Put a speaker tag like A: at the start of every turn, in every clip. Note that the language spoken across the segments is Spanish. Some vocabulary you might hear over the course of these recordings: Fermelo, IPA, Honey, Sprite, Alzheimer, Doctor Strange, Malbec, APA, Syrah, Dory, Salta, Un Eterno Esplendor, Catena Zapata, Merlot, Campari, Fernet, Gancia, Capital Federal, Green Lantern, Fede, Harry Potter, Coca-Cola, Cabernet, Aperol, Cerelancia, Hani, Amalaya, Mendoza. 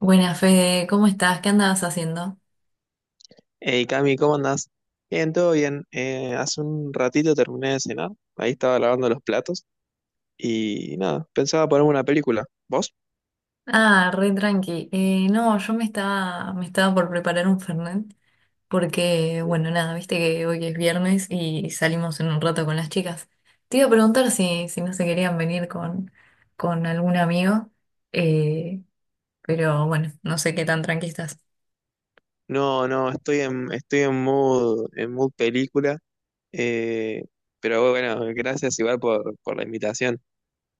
A: Buenas, Fede, ¿cómo estás? ¿Qué andabas haciendo?
B: Hey Cami, ¿cómo andás? Bien, todo bien. Hace un ratito terminé de cenar, ahí estaba lavando los platos y nada, pensaba ponerme una película. ¿Vos?
A: Ah, re tranqui. No, yo me estaba por preparar un Fernet porque, bueno, nada, viste que hoy es viernes y salimos en un rato con las chicas. Te iba a preguntar si no se querían venir con algún amigo, eh, pero bueno, no sé qué tan tranqui estás.
B: No, no, estoy en, estoy en mood película, eh, pero bueno, gracias igual por la invitación.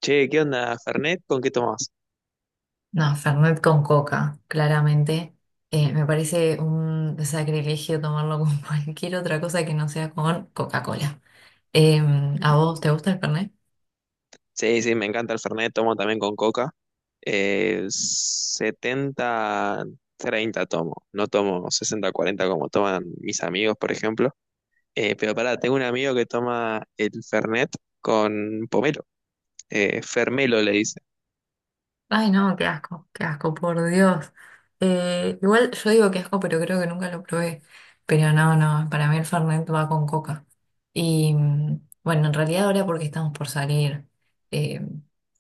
B: Che, ¿qué onda, Fernet? ¿Con qué tomás?
A: No, Fernet con coca, claramente. Me parece un sacrilegio tomarlo con cualquier otra cosa que no sea con Coca-Cola. ¿A vos te gusta el Fernet?
B: Sí, sí, me encanta el Fernet, tomo también con coca. 70, 30 tomo, no tomo 60 40 como toman mis amigos, por ejemplo. Pero pará, tengo un amigo que toma el Fernet con pomelo, Fermelo le dice.
A: Ay, no, qué asco, por Dios. Igual yo digo qué asco, pero creo que nunca lo probé. Pero no, no, para mí el Fernet va con coca. Bueno, en realidad ahora porque estamos por salir, eh,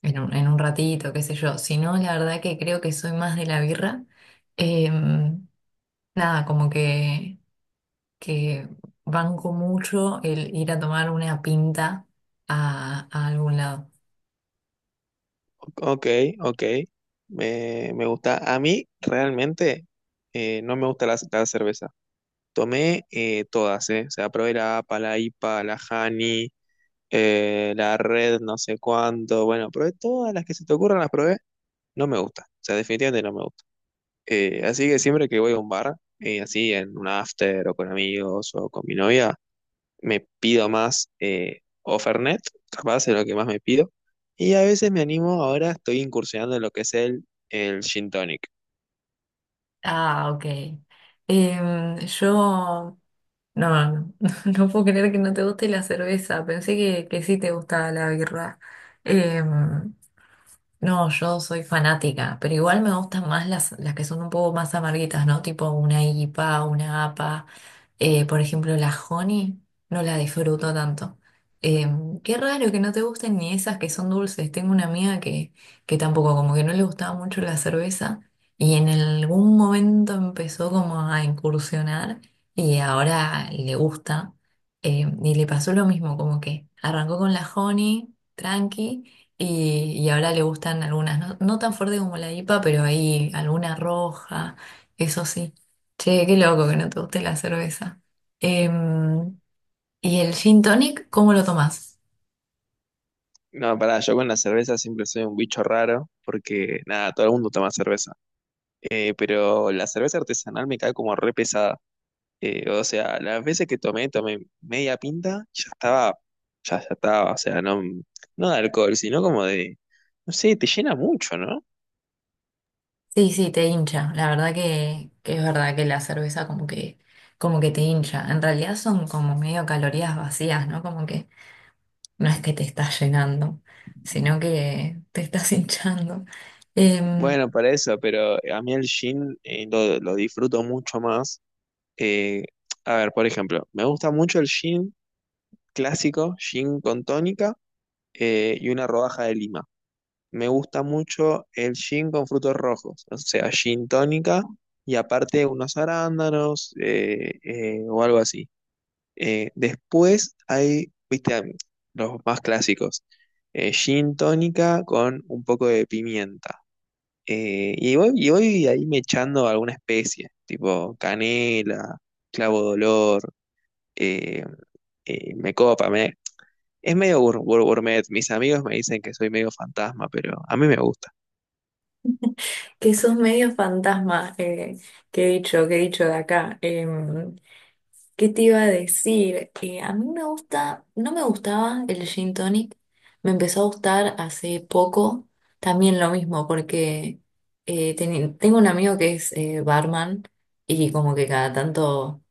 A: en en un ratito, qué sé yo. Si no, la verdad que creo que soy más de la birra. Eh, Nada, como que banco mucho el ir a tomar una pinta a algún lado.
B: Ok, ok, me gusta. A mí realmente no me gusta la cerveza. Tomé todas. O sea, probé la APA, la IPA, la Hani la red no sé cuánto, bueno, probé todas las que se te ocurran, las probé, no me gusta, o sea, definitivamente no me gusta. Así que siempre que voy a un bar, así en un after o con amigos o con mi novia, me pido más o Fernet, capaz es lo que más me pido, y a veces me animo, ahora estoy incursionando en lo que es el gin tonic.
A: Ah, ok. Em, yo, no, no, no puedo creer que no te guste la cerveza. Pensé que sí te gustaba la birra. Em, No, yo soy fanática, pero igual me gustan más las que son un poco más amarguitas, ¿no? Tipo una IPA, una APA. Por ejemplo, la Honey no la disfruto tanto. Eh, Qué raro que no te gusten ni esas que son dulces. Tengo una amiga que tampoco, como que no le gustaba mucho la cerveza y en algún momento empezó como a incursionar y ahora le gusta. Y le pasó lo mismo, como que arrancó con la Honey, tranqui. Y ahora le gustan algunas, no, no tan fuerte como la IPA, pero ahí alguna roja, eso sí. Che, qué loco que no te guste la cerveza. Em, ¿Y el gin tonic, cómo lo tomás?
B: No, pará, yo con la cerveza siempre soy un bicho raro, porque nada, todo el mundo toma cerveza. Pero la cerveza artesanal me cae como re pesada. O sea, las veces que tomé media pinta, ya estaba, ya estaba, o sea, no, no de alcohol, sino como de, no sé, te llena mucho, ¿no?
A: Sí, sí, te hincha. La verdad que es verdad que la cerveza como como que te hincha. En realidad son como medio calorías vacías, ¿no? Como que no es que te estás llenando, sino que te estás hinchando. Em,
B: Bueno, para eso, pero a mí el gin lo disfruto mucho más. Eh, a ver, por ejemplo, me gusta mucho el gin clásico, gin con tónica y una rodaja de lima. Me gusta mucho el gin con frutos rojos, o sea, gin tónica y aparte unos arándanos o algo así. Después hay, viste, los más clásicos. Gin tónica con un poco de pimienta. Y voy ahí me echando alguna especie, tipo canela, clavo de olor, eh, me copa. Es medio gourmet. Mis amigos me dicen que soy medio fantasma, pero a mí me gusta.
A: que sos medio fantasma, que he dicho de acá. ¿Qué te iba a decir? A mí me gusta, no me gustaba el gin tonic, me empezó a gustar hace poco, también lo mismo, porque tengo un amigo que es barman y como que cada tanto,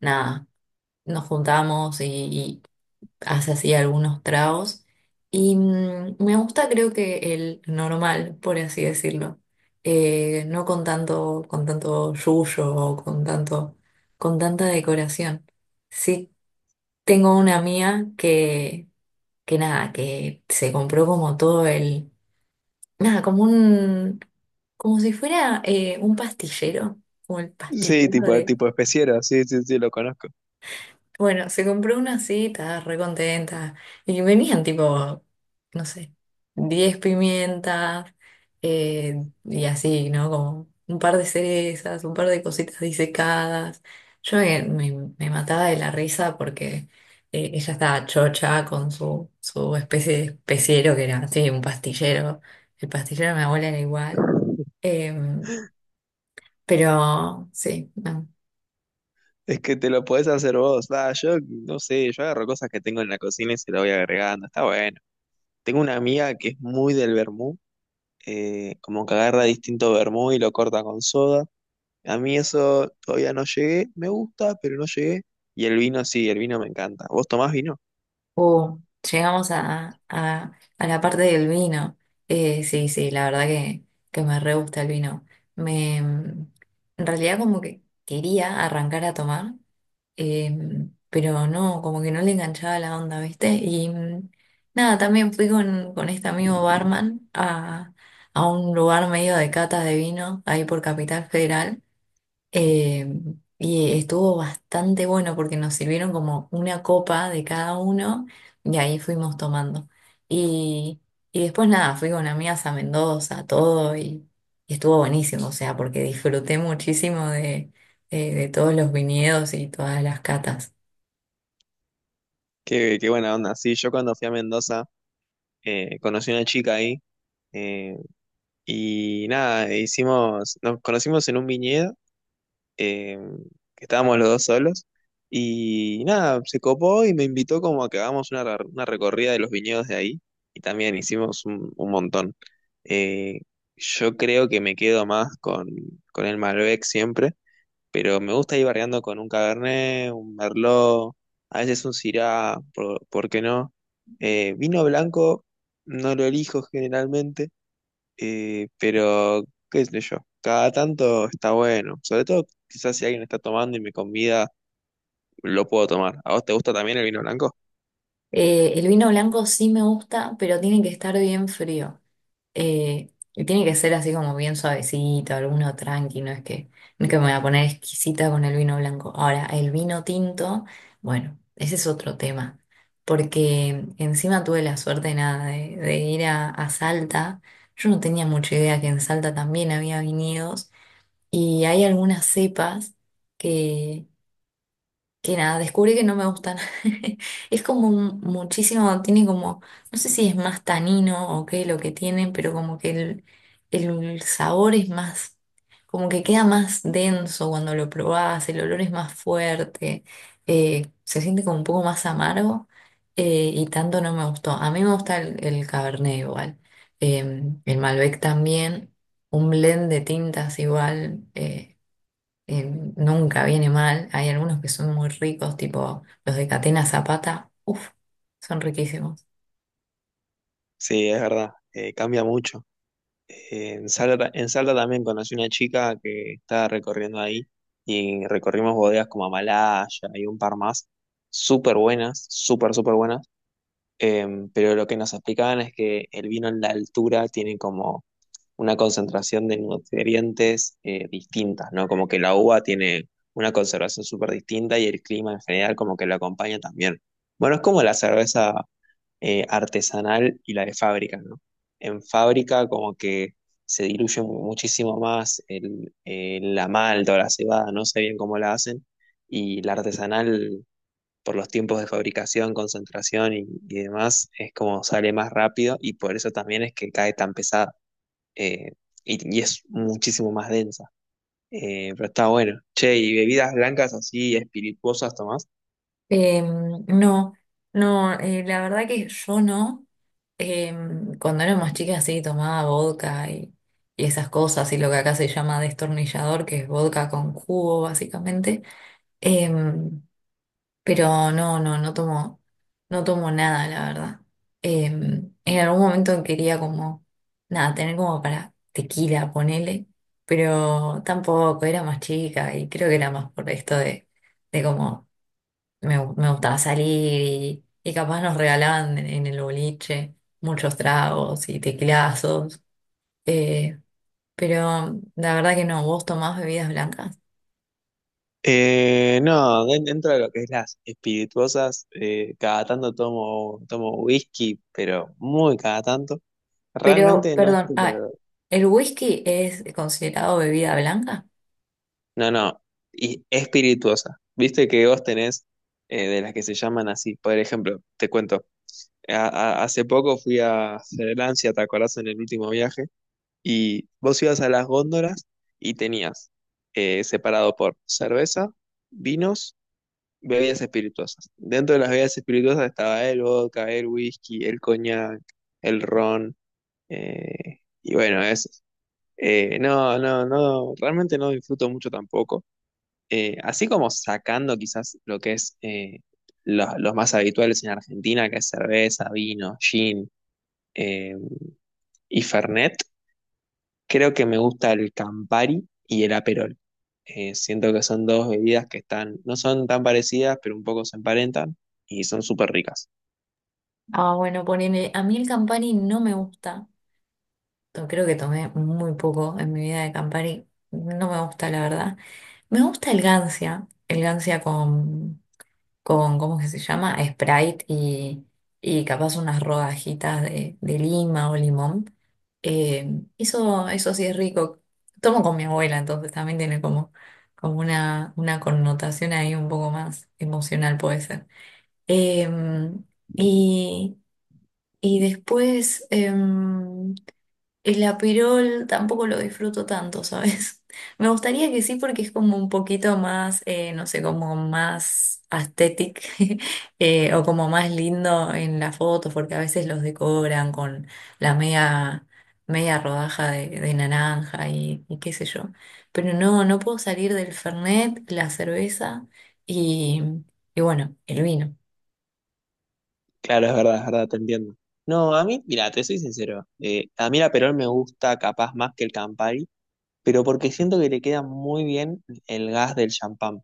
A: nada, nos juntamos y hace así algunos tragos. Me gusta, creo que el normal, por así decirlo. No con tanto, con tanto yuyo o con tanto, con tanta decoración. Sí, tengo una mía que nada, que se compró como todo nada, como como si fuera un pastillero, como el
B: Sí,
A: pastillero.
B: tipo especiero, sí, sí, sí, lo conozco.
A: Bueno, se compró una así, estaba re contenta. Y venían tipo, no sé, 10 pimientas, y así, ¿no? Como un par de cerezas, un par de cositas disecadas. Me mataba de la risa porque ella estaba chocha con su especie de especiero que era así, un pastillero. El pastillero de mi abuela era igual. Em, pero sí, no.
B: Es que te lo podés hacer vos. Ah, yo no sé, yo agarro cosas que tengo en la cocina y se lo voy agregando. Está bueno. Tengo una amiga que es muy del vermú, como que agarra distinto vermú y lo corta con soda. A mí eso todavía no llegué, me gusta, pero no llegué. Y el vino sí, el vino me encanta. ¿Vos tomás vino?
A: O llegamos a, a la parte del vino. Sí, sí, la verdad que me re gusta el vino. Me, mm, en realidad como que quería arrancar a tomar, eh, pero no, como que no le enganchaba la onda, ¿viste? Nada, también fui con este amigo barman a un lugar medio de cata de vino, ahí por Capital Federal. Eh, y estuvo bastante bueno porque nos sirvieron como una copa de cada uno y ahí fuimos tomando. Y, y después nada, fui con amigas a Mendoza, y estuvo buenísimo, o sea, porque disfruté muchísimo de todos los viñedos y todas las catas.
B: Qué buena onda. Sí, yo cuando fui a Mendoza conocí a una chica ahí eh, y nada, nos conocimos en un viñedo. eh, que estábamos los dos solos. Y nada, se copó y me invitó como a que hagamos una recorrida de los viñedos de ahí. Y también hicimos un montón. Eh, yo creo que me quedo más con el Malbec siempre, pero me gusta ir variando con un Cabernet, un Merlot, a veces un Syrah, ¿por qué no? Vino blanco no lo elijo generalmente pero, qué sé yo, cada tanto está bueno. Sobre todo, quizás si alguien está tomando y me convida, lo puedo tomar. ¿A vos te gusta también el vino blanco?
A: El vino blanco sí me gusta, pero tiene que estar bien frío. Y tiene que ser así como bien suavecito, alguno tranqui, no es que me voy a poner exquisita con el vino blanco. Ahora, el vino tinto, bueno, ese es otro tema, porque encima tuve la suerte nada de ir a Salta. Yo no tenía mucha idea que en Salta también había viñedos y hay algunas cepas que nada, descubrí que no me gustan. Es como un- muchísimo, tiene como, no sé si es más tanino o qué lo que tienen, pero como que el sabor es más, como que queda más denso cuando lo probás, el olor es más fuerte, se siente como un poco más amargo, y tanto no me gustó. A mí me gusta el Cabernet igual, el Malbec también, un blend de tintas igual. Eh, Nunca viene mal. Hay algunos que son muy ricos, tipo los de Catena Zapata, uff, son riquísimos.
B: Sí, es verdad, cambia mucho. En Salta también conocí una chica que estaba recorriendo ahí y recorrimos bodegas como Amalaya y un par más, súper buenas, súper, súper buenas. Pero lo que nos explicaban es que el vino en la altura tiene como una concentración de nutrientes distintas, ¿no? Como que la uva tiene una conservación súper distinta y el clima en general como que lo acompaña también. Bueno, es como la cerveza artesanal y la de fábrica, ¿no? En fábrica como que se diluye muchísimo más la malta o la cebada, no sé bien cómo la hacen, y la artesanal por los tiempos de fabricación, concentración y demás, es como sale más rápido y por eso también es que cae tan pesada eh, y es muchísimo más densa. Pero está bueno. Che, y bebidas blancas así, espirituosas tomás.
A: No, no, la verdad que yo no. Cuando éramos chicas sí tomaba vodka y esas cosas y lo que acá se llama destornillador, que es vodka con jugo básicamente. Em, Pero no, no, no tomo, no tomo nada, la verdad. Eh, en algún momento quería como, nada, tener como para tequila, ponele, pero tampoco, era más chica y creo que era más por esto de como me gustaba salir y capaz nos regalaban en el boliche muchos tragos y tequilazos. eh, pero la verdad que no, ¿vos tomás bebidas blancas?
B: No, dentro de lo que es las espirituosas, cada tanto tomo whisky, pero muy cada tanto.
A: Pero,
B: Realmente no es
A: perdón,
B: que
A: ah,
B: lo-
A: ¿el whisky es considerado bebida blanca?
B: No, no, y espirituosa. Viste que vos tenés de las que se llaman así. Por ejemplo, te cuento, hace poco fui a Cerelancia, ¿te acordás en el último viaje? Y vos ibas a las góndolas y tenías separado por cerveza, vinos, bebidas espirituosas. Dentro de las bebidas espirituosas estaba el vodka, el whisky, el coñac, el ron, y bueno, eso. No, no, no, realmente no disfruto mucho tampoco. Así como sacando quizás lo que es los más habituales en Argentina, que es cerveza, vino, gin eh, y fernet. Creo que me gusta el Campari y el Aperol. Siento que son dos bebidas que están, no son tan parecidas, pero un poco se emparentan y son súper ricas.
A: Ah, bueno, ponele, a mí el Campari no me gusta. Creo que tomé muy poco en mi vida de Campari. No me gusta, la verdad. Me gusta el Gancia. El Gancia con ¿cómo que se llama? Sprite y capaz unas rodajitas de lima o limón. Eso, eso sí es rico. Tomo con mi abuela, entonces también tiene como, como una connotación ahí un poco más emocional, puede ser. Em, y... Y después, em, el apirol tampoco lo disfruto tanto, ¿sabes? Me gustaría que sí porque es como un poquito más, no sé, como más aesthetic, o como más lindo en las fotos porque a veces los decoran con la media, media rodaja de naranja y qué sé yo. Pero no, no puedo salir del Fernet, y, y bueno, el vino.
B: Claro, es verdad, te entiendo. No, a mí, mira, te soy sincero. A mí el Aperol me gusta capaz más que el Campari, pero porque siento que le queda muy bien el gas del champán.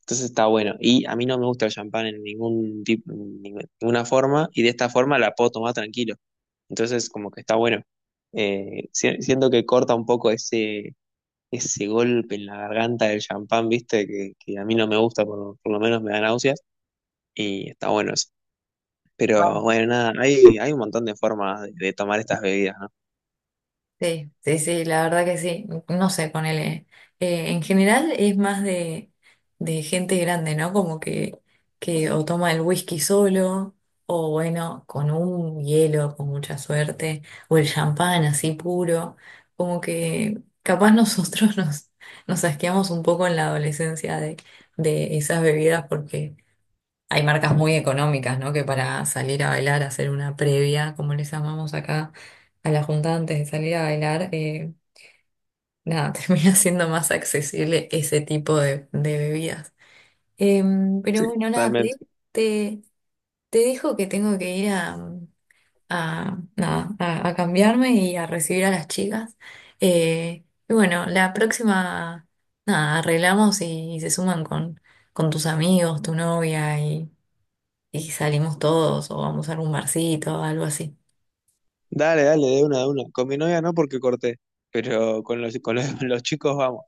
B: Entonces está bueno. Y a mí no me gusta el champán en ningún tipo, en ninguna forma, y de esta forma la puedo tomar tranquilo. Entonces, como que está bueno. Siento que corta un poco ese golpe en la garganta del champán, viste, que a mí no me gusta, por lo menos me da náuseas, y está bueno eso. Pero bueno, nada, hay un montón de formas de tomar estas bebidas, ¿no?
A: Sí, sí, sí, la verdad que sí. No sé, ponele. En general es más de gente grande, ¿no? Como que o toma el whisky solo, o bueno, con un hielo, con mucha suerte, o el champán así puro. Como que capaz nosotros nos asqueamos un poco en la adolescencia de esas bebidas porque hay marcas muy económicas, ¿no? Que para salir a bailar, hacer una previa, como les llamamos acá a la junta antes de salir a bailar, nada, termina siendo más accesible ese tipo de bebidas. Pero
B: Sí,
A: bueno, nada, Cle,
B: totalmente.
A: te, te dejo que tengo que ir a, nada, a cambiarme y a recibir a las chicas. Y bueno, la próxima, nada, arreglamos y se suman con tus amigos, tu novia y salimos todos o vamos a algún barcito o algo así.
B: Dale, dale, de una, de una. Con mi novia no porque corté, pero con los, los chicos vamos.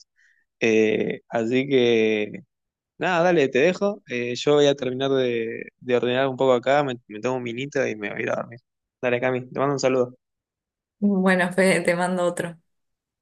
B: Así que, nada, dale, te dejo. Yo voy a terminar de ordenar un poco acá, me tomo un minito y me voy a ir a dormir. Dale, Cami, te mando un saludo.
A: Bueno, Fede, te mando otro.